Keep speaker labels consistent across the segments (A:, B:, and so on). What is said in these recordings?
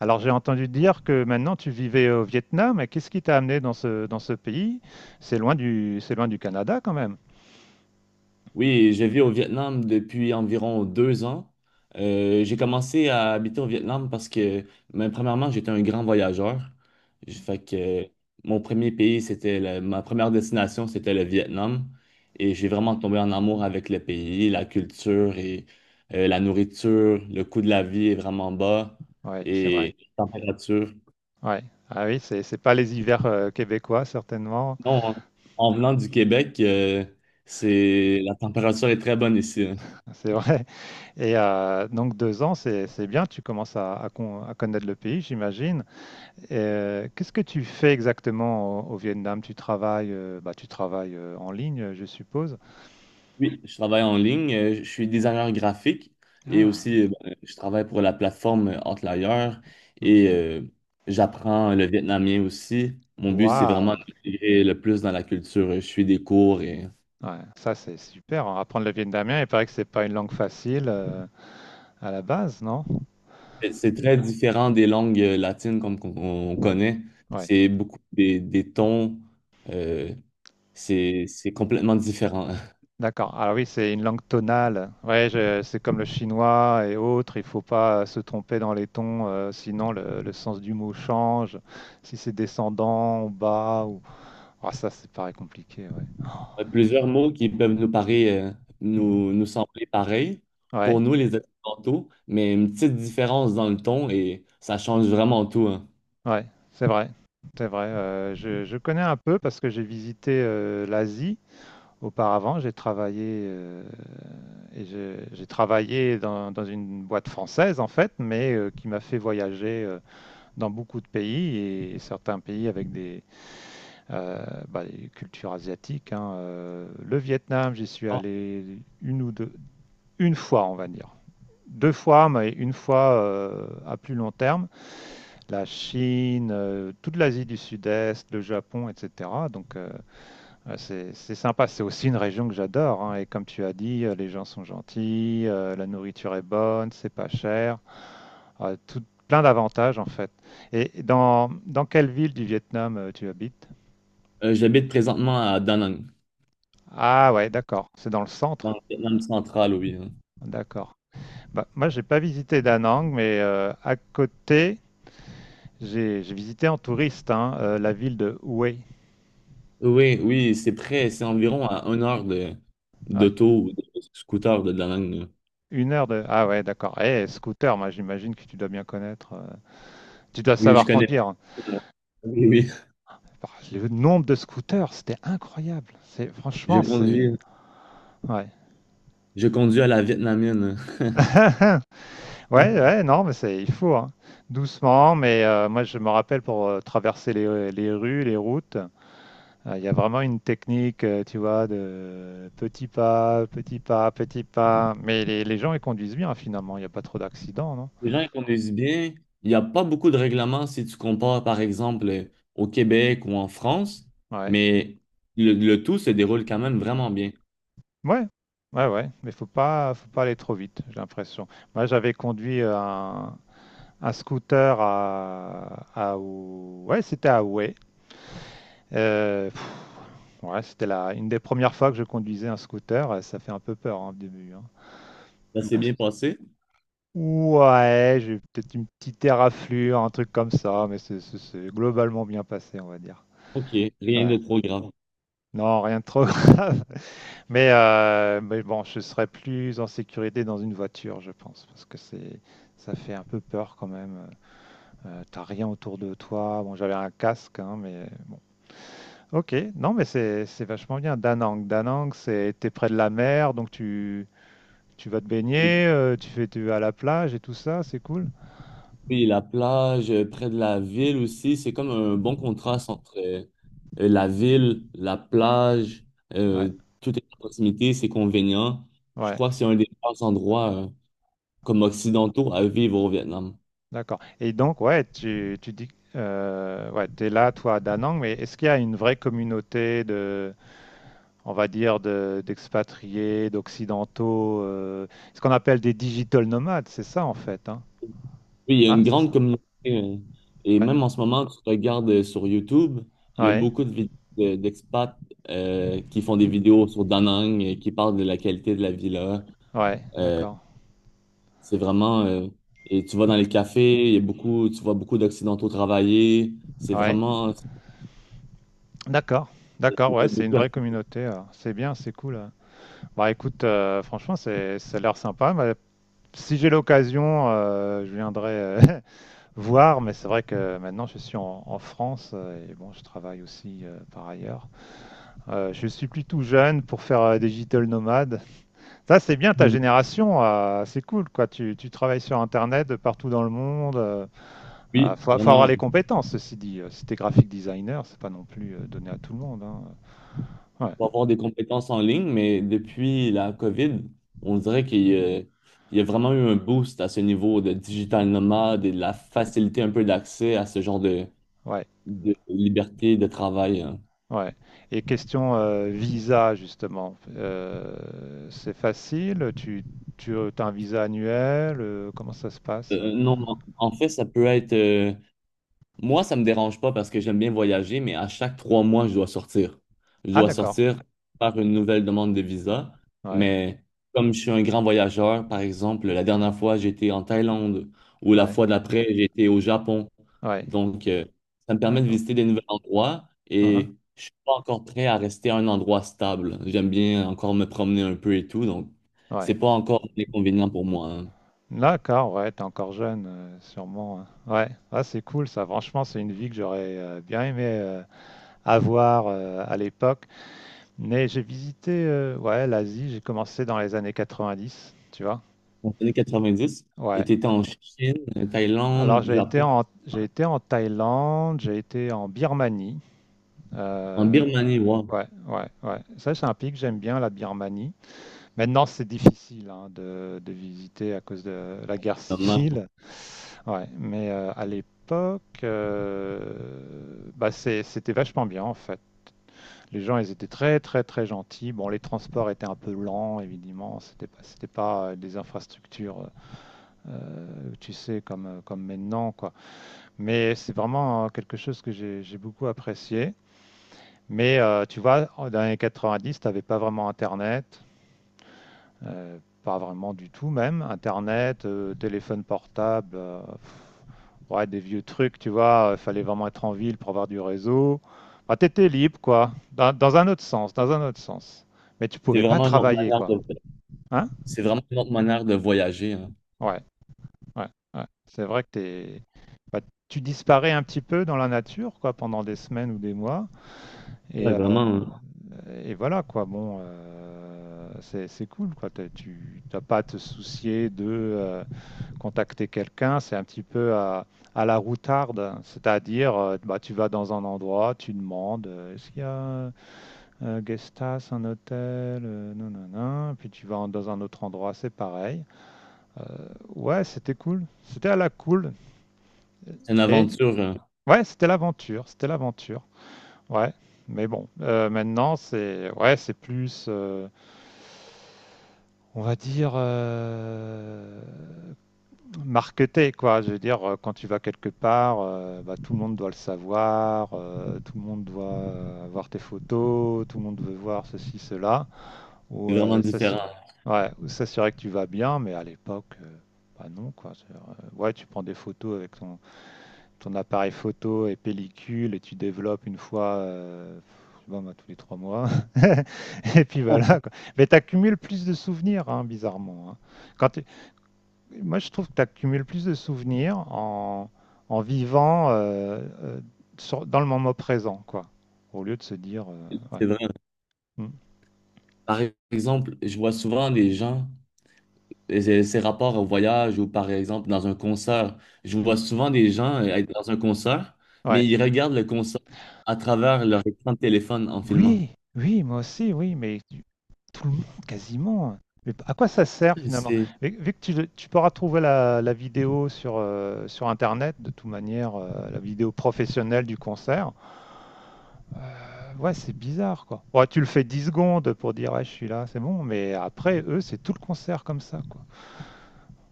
A: Alors j'ai entendu dire que maintenant tu vivais au Vietnam, mais qu'est-ce qui t'a amené dans ce pays? C'est loin du Canada quand même.
B: Oui, je vis au Vietnam depuis environ 2 ans. J'ai commencé à habiter au Vietnam parce que, mais premièrement, j'étais un grand voyageur. Fait que mon premier pays, c'était ma première destination, c'était le Vietnam. Et j'ai vraiment tombé en amour avec le pays, la culture et la nourriture. Le coût de la vie est vraiment bas
A: Oui, c'est vrai.
B: et la température.
A: Ouais. Ah oui, c'est pas les hivers québécois certainement,
B: Non, en venant du Québec, c'est la température est très bonne ici, hein.
A: c'est vrai. Et donc 2 ans, c'est bien, tu commences à connaître le pays, j'imagine. Et, qu'est-ce que tu fais exactement au Vietnam? Tu travailles, tu travailles en ligne, je suppose.
B: Oui, je travaille en ligne. Je suis designer graphique et
A: Ah.
B: aussi je travaille pour la plateforme Outlier
A: Mhm.
B: et j'apprends le vietnamien aussi. Mon but, c'est
A: Waouh!
B: vraiment d'intégrer le plus dans la culture. Je suis des cours et
A: Ouais, ça c'est super, hein. Apprendre le vietnamien, il paraît que c'est pas une langue facile à la base, non?
B: c'est très différent des langues latines comme qu'on on connaît.
A: Ouais.
B: C'est beaucoup des tons. euh, c'est complètement différent.
A: D'accord. Alors oui, c'est une langue tonale. Ouais, c'est comme le chinois et autres. Il faut pas se tromper dans les tons, sinon le sens du mot change. Si c'est descendant, ou bas ou ah ça, c'est pareil compliqué. Ouais.
B: Ouais, plusieurs mots qui peuvent nous paraître,
A: Mhm.
B: nous, nous sembler pareils
A: Ouais,
B: pour nous, les Occidentaux, mais une petite différence dans le ton et ça change vraiment tout, hein.
A: ouais, c'est vrai, c'est vrai. Je connais un peu parce que j'ai visité l'Asie. Auparavant, j'ai j'ai travaillé dans une boîte française en fait, mais qui m'a fait voyager dans beaucoup de pays et certains pays avec des cultures asiatiques, hein. Le Vietnam, j'y suis
B: Bon,
A: allé une ou deux, une fois, on va dire. Deux fois, mais une fois à plus long terme. La Chine, toute l'Asie du Sud-Est, le Japon, etc. Donc, ouais, c'est sympa, c'est aussi une région que j'adore, hein. Et comme tu as dit, les gens sont gentils, la nourriture est bonne, c'est pas cher, euh, tout, plein d'avantages en fait. Et dans quelle ville du Vietnam tu habites?
B: j'habite présentement à Da Nang,
A: Ah ouais, d'accord, c'est dans le
B: dans
A: centre.
B: le Vietnam central, oui, hein.
A: D'accord. Bah, moi, j'ai pas visité Da Nang, mais à côté, j'ai visité en touriste hein, la ville de Hue.
B: Oui, oui, c'est près, c'est environ à une heure de,
A: Ouais.
B: d'auto ou de scooter de Da Nang, là.
A: Une heure de... Ah ouais, d'accord. Eh, scooter, moi j'imagine que tu dois bien connaître. Tu dois
B: Oui, je
A: savoir
B: connais.
A: conduire.
B: Oui, oui,
A: Bah, le nombre de scooters, c'était incroyable. C'est
B: je
A: franchement, c'est
B: conduis,
A: ouais.
B: je conduis à la vietnamienne.
A: ouais, ouais, non, mais c'est il faut hein, doucement. Mais moi, je me rappelle pour traverser les rues, les routes, il y a vraiment une technique, tu vois, de petit pas, petit pas, petit pas. Mais les gens ils conduisent bien finalement. Il n'y a pas trop d'accidents, non?
B: Les gens ils conduisent bien. Il n'y a pas beaucoup de règlements si tu compares, par exemple, au Québec ou en France,
A: Ouais,
B: mais le tout se déroule quand même vraiment bien.
A: ouais, ouais, ouais. Mais faut pas aller trop vite, j'ai l'impression. Moi, j'avais conduit un scooter c'était à Ouai. Euh, pff, ouais, une des premières fois que je conduisais un scooter. Ça fait un peu peur hein, au début, hein.
B: Ça s'est
A: Bon,
B: bien
A: c'est-
B: passé?
A: ouais, j'ai eu peut-être une petite éraflure, un truc comme ça, mais c'est globalement bien passé, on va dire.
B: OK, rien
A: Ouais.
B: de trop grave.
A: Non, rien de trop grave. Mais bon, je serais plus en sécurité dans une voiture, je pense, parce que ça fait un peu peur quand même. T'as rien autour de toi. Bon, j'avais un casque, hein, mais ok, non mais c'est vachement bien. Danang, Danang, c'est t'es près de la mer, donc tu vas te
B: Oui,
A: baigner, euh, tu vas à la plage et tout ça, c'est cool.
B: puis la plage près de la ville aussi, c'est comme un bon contraste entre la ville, la plage,
A: Ouais,
B: euh, tout est à proximité, c'est convenient. Je
A: ouais,
B: crois que c'est un des meilleurs endroits comme occidentaux à vivre au Vietnam.
A: d'accord. Et donc ouais, tu dis ouais, t'es là toi à Danang, mais est-ce qu'il y a une vraie communauté de on va dire de d'expatriés, d'occidentaux, ce qu'on appelle des digital nomades, c'est ça en fait, hein?
B: Oui, il y a
A: Hein,
B: une
A: c'est
B: grande
A: ça.
B: communauté. Et
A: Ouais,
B: même en ce moment, tu regardes sur YouTube, il y a
A: ouais,
B: beaucoup d'expats qui font des vidéos sur Da Nang, qui parlent de la qualité de la vie là.
A: ouais,
B: Euh,
A: d'accord.
B: c'est vraiment. Et tu vas dans les cafés, il y a beaucoup, tu vois beaucoup d'Occidentaux travailler. C'est
A: Ouais.
B: vraiment. Ça
A: D'accord,
B: me
A: d'accord, ouais,
B: plaît
A: c'est une
B: beaucoup
A: vraie communauté. C'est bien, c'est cool, euh. Bah écoute, franchement, ça a l'air sympa. Bah, si j'ai l'occasion, je viendrai voir, mais c'est vrai que maintenant je suis en France et bon, je travaille aussi par ailleurs. Je suis plus tout jeune pour faire digital nomade. Ça, c'est bien ta
B: Mm.
A: génération, c'est cool quoi. Tu travailles sur Internet de partout dans le monde. euh, euh,
B: Oui,
A: faut, faut avoir
B: vraiment.
A: les compétences, ceci dit. Si t'es graphic designer, c'est pas non plus donné à tout le monde, hein. Ouais.
B: Pour avoir des compétences en ligne, mais depuis la COVID, on dirait qu'il y a vraiment eu un boost à ce niveau de digital nomade et de la facilité un peu d'accès à ce genre de,
A: Ouais,
B: de liberté de travail, hein.
A: ouais. Et question visa, justement. C'est facile? Tu as un visa annuel? Comment ça se passe?
B: Non, en fait, ça peut être moi, ça me dérange pas parce que j'aime bien voyager, mais à chaque 3 mois, je dois sortir. Je
A: Ah,
B: dois
A: d'accord.
B: sortir, faire une nouvelle demande de visa.
A: Ouais,
B: Mais comme je suis un grand voyageur, par exemple, la dernière fois, j'étais en Thaïlande ou la
A: ouais,
B: fois d'après, j'étais au Japon.
A: ouais.
B: Donc, ça me permet de
A: D'accord.
B: visiter des nouveaux endroits
A: Uhum.
B: et je suis pas encore prêt à rester à un endroit stable. J'aime bien encore me promener un peu et tout. Donc,
A: Ouais.
B: c'est pas encore un inconvénient pour moi, hein.
A: D'accord, ouais, t'es encore jeune, sûrement, hein. Ouais, ah, c'est cool ça. Franchement, c'est une vie que j'aurais bien aimé avoir à l'époque. Mais j'ai visité ouais, l'Asie, j'ai commencé dans les années 90, tu vois.
B: Dans les années 90, et
A: Ouais,
B: tu étais en Chine,
A: alors,
B: Thaïlande, Japon.
A: j'ai été en Thaïlande, j'ai été en Birmanie.
B: En
A: Euh,
B: Birmanie, wow,
A: ouais, ouais, ouais. Ça, c'est un pays que j'aime bien, la Birmanie. Maintenant, c'est difficile hein, de visiter à cause de la guerre
B: pas.
A: civile. Ouais, mais à l'époque, c'était vachement bien en fait. Les gens, ils étaient très, très, très gentils. Bon, les transports étaient un peu lents, évidemment. C'était pas des infrastructures, tu sais, comme maintenant, quoi. Mais c'est vraiment quelque chose que j'ai beaucoup apprécié. Mais tu vois, dans les années 90, tu n'avais pas vraiment Internet, euh, pas vraiment du tout même. Internet, téléphone portable, ouais, des vieux trucs, tu vois, il fallait vraiment être en ville pour avoir du réseau. Bah, tu étais libre, quoi, dans un autre sens, dans un autre sens. Mais tu
B: C'est
A: pouvais pas
B: vraiment une autre
A: travailler,
B: manière
A: quoi.
B: de,
A: Hein?
B: c'est vraiment une autre manière de voyager, hein.
A: Ouais, ouais, ouais. C'est vrai que t'es... bah, tu disparais un petit peu dans la nature, quoi, pendant des semaines ou des mois. Et,
B: Ouais,
A: euh,
B: vraiment, hein.
A: et voilà quoi, bon, euh, c'est cool quoi. Tu n'as pas à te soucier de contacter quelqu'un, c'est un petit peu à la routarde, hein. C'est-à-dire bah, tu vas dans un endroit, tu demandes est-ce qu'il y a un guest house, un hôtel, non, non, non, puis tu vas dans un autre endroit, c'est pareil. Ouais, c'était cool, c'était à la cool.
B: C'est une
A: Et
B: aventure, hein.
A: ouais, c'était l'aventure, c'était l'aventure. Ouais, mais bon, maintenant c'est ouais, c'est plus on va dire marketé quoi. Je veux dire quand tu vas quelque part, bah, tout le monde doit le savoir, tout le monde doit voir tes photos, tout le monde veut voir ceci cela ou
B: C'est vraiment
A: euh, s'assu-
B: différent.
A: ouais, ou s'assurer que tu vas bien, mais à l'époque bah non quoi. C'est-à-dire, ouais, tu prends des photos avec ton appareil photo et pellicule et tu développes une fois bon, bah, tous les 3 mois. Et puis voilà, quoi. Mais tu accumules plus de souvenirs, hein, bizarrement, hein. Quand t'es- Moi, je trouve que tu accumules plus de souvenirs en vivant dans le moment présent, quoi. Au lieu de se dire, ouais.
B: C'est vrai.
A: Mm,
B: Par exemple, je vois souvent des gens, et c'est rapport au voyage ou par exemple dans un concert, je
A: mm.
B: vois souvent des gens être dans un concert, mais
A: Ouais.
B: ils regardent le concert à travers leur écran de téléphone en filmant.
A: Oui, oui, moi aussi, oui, mais tout le monde, quasiment. Mais à quoi ça sert finalement?
B: C'est,
A: Vu que tu pourras trouver la vidéo sur, sur Internet, de toute manière, la vidéo professionnelle du concert, euh, ouais, c'est bizarre quoi. Ouais, tu le fais 10 secondes pour dire, ouais, je suis là, c'est bon, mais après, eux, c'est tout le concert comme ça, quoi.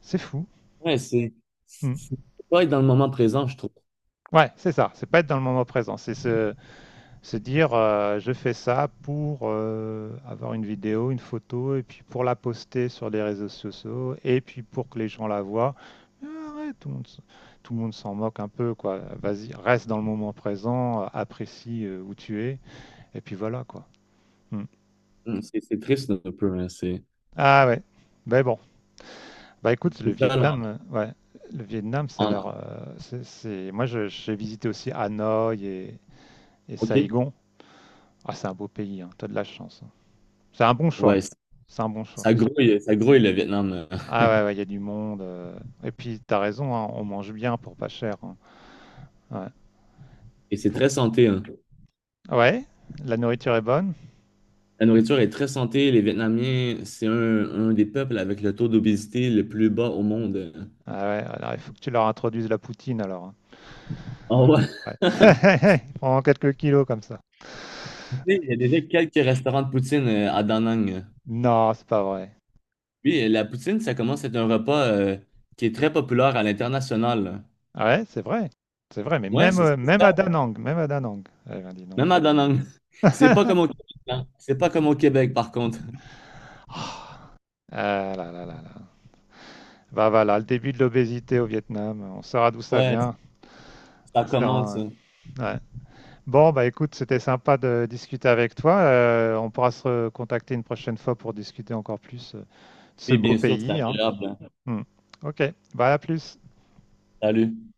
A: C'est fou.
B: ouais, c'est,
A: Mm.
B: c'est pas être dans le moment présent, je trouve.
A: Ouais, c'est ça, c'est pas être dans le moment présent, c'est se se dire, je fais ça pour avoir une vidéo, une photo, et puis pour la poster sur les réseaux sociaux, et puis pour que les gens la voient. Mais arrête, tout le monde s'en moque un peu, quoi. Vas-y, reste dans le moment présent, apprécie où tu es, et puis voilà, quoi. Hmm.
B: Mm, c'est triste un peu, hein, C'est
A: Ah ouais. Ben bon. Bah écoute, le
B: c'est ça, là.
A: Vietnam, ouais, le Vietnam, ça a l'air.
B: En-
A: Moi, j'ai visité aussi Hanoï et
B: OK.
A: Saigon. Ah, c'est un beau pays, hein. T'as de la chance, hein. C'est un bon choix.
B: Ouais, ça
A: C'est un bon choix.
B: ça grouille, ça grouille le Vietnam.
A: Ah ouais, ouais, il y a du monde, euh. Et puis, t'as raison, hein, on mange bien pour pas cher, hein. Ouais.
B: Et c'est
A: Faut-
B: très santé, hein.
A: Ouais, la nourriture est bonne.
B: La nourriture est très santé. Les Vietnamiens, c'est un des peuples avec le taux d'obésité le plus bas au monde.
A: Ah ouais, alors il faut que tu leur introduises la poutine alors, hein.
B: Oh, ouais.
A: Ouais. Prends quelques kilos comme ça.
B: Tu sais, il y a déjà quelques restaurants de poutine à Da Nang.
A: Non, c'est pas vrai.
B: Oui, la poutine, ça commence à être un repas qui est très populaire à l'international.
A: Ah ouais, c'est vrai. C'est vrai, mais
B: Ouais,
A: même,
B: c'est c'est
A: même
B: ça.
A: à Danang, même à Danang. Eh ben, dis donc.
B: Même à Da Nang. C'est pas comme au Québec, hein. C'est pas comme au Québec, par contre.
A: Ah ah là là là là. Bah voilà, le début de l'obésité au Vietnam. On saura d'où ça
B: Ouais,
A: vient.
B: ça
A: On sera
B: commence,
A: un...
B: hein.
A: ouais. Bon, bah écoute, c'était sympa de discuter avec toi. On pourra se contacter une prochaine fois pour discuter encore plus de ce
B: Puis
A: beau
B: bien sûr, c'est
A: pays, hein.
B: agréable, hein.
A: Hmm. Ok, bah à plus.
B: Salut.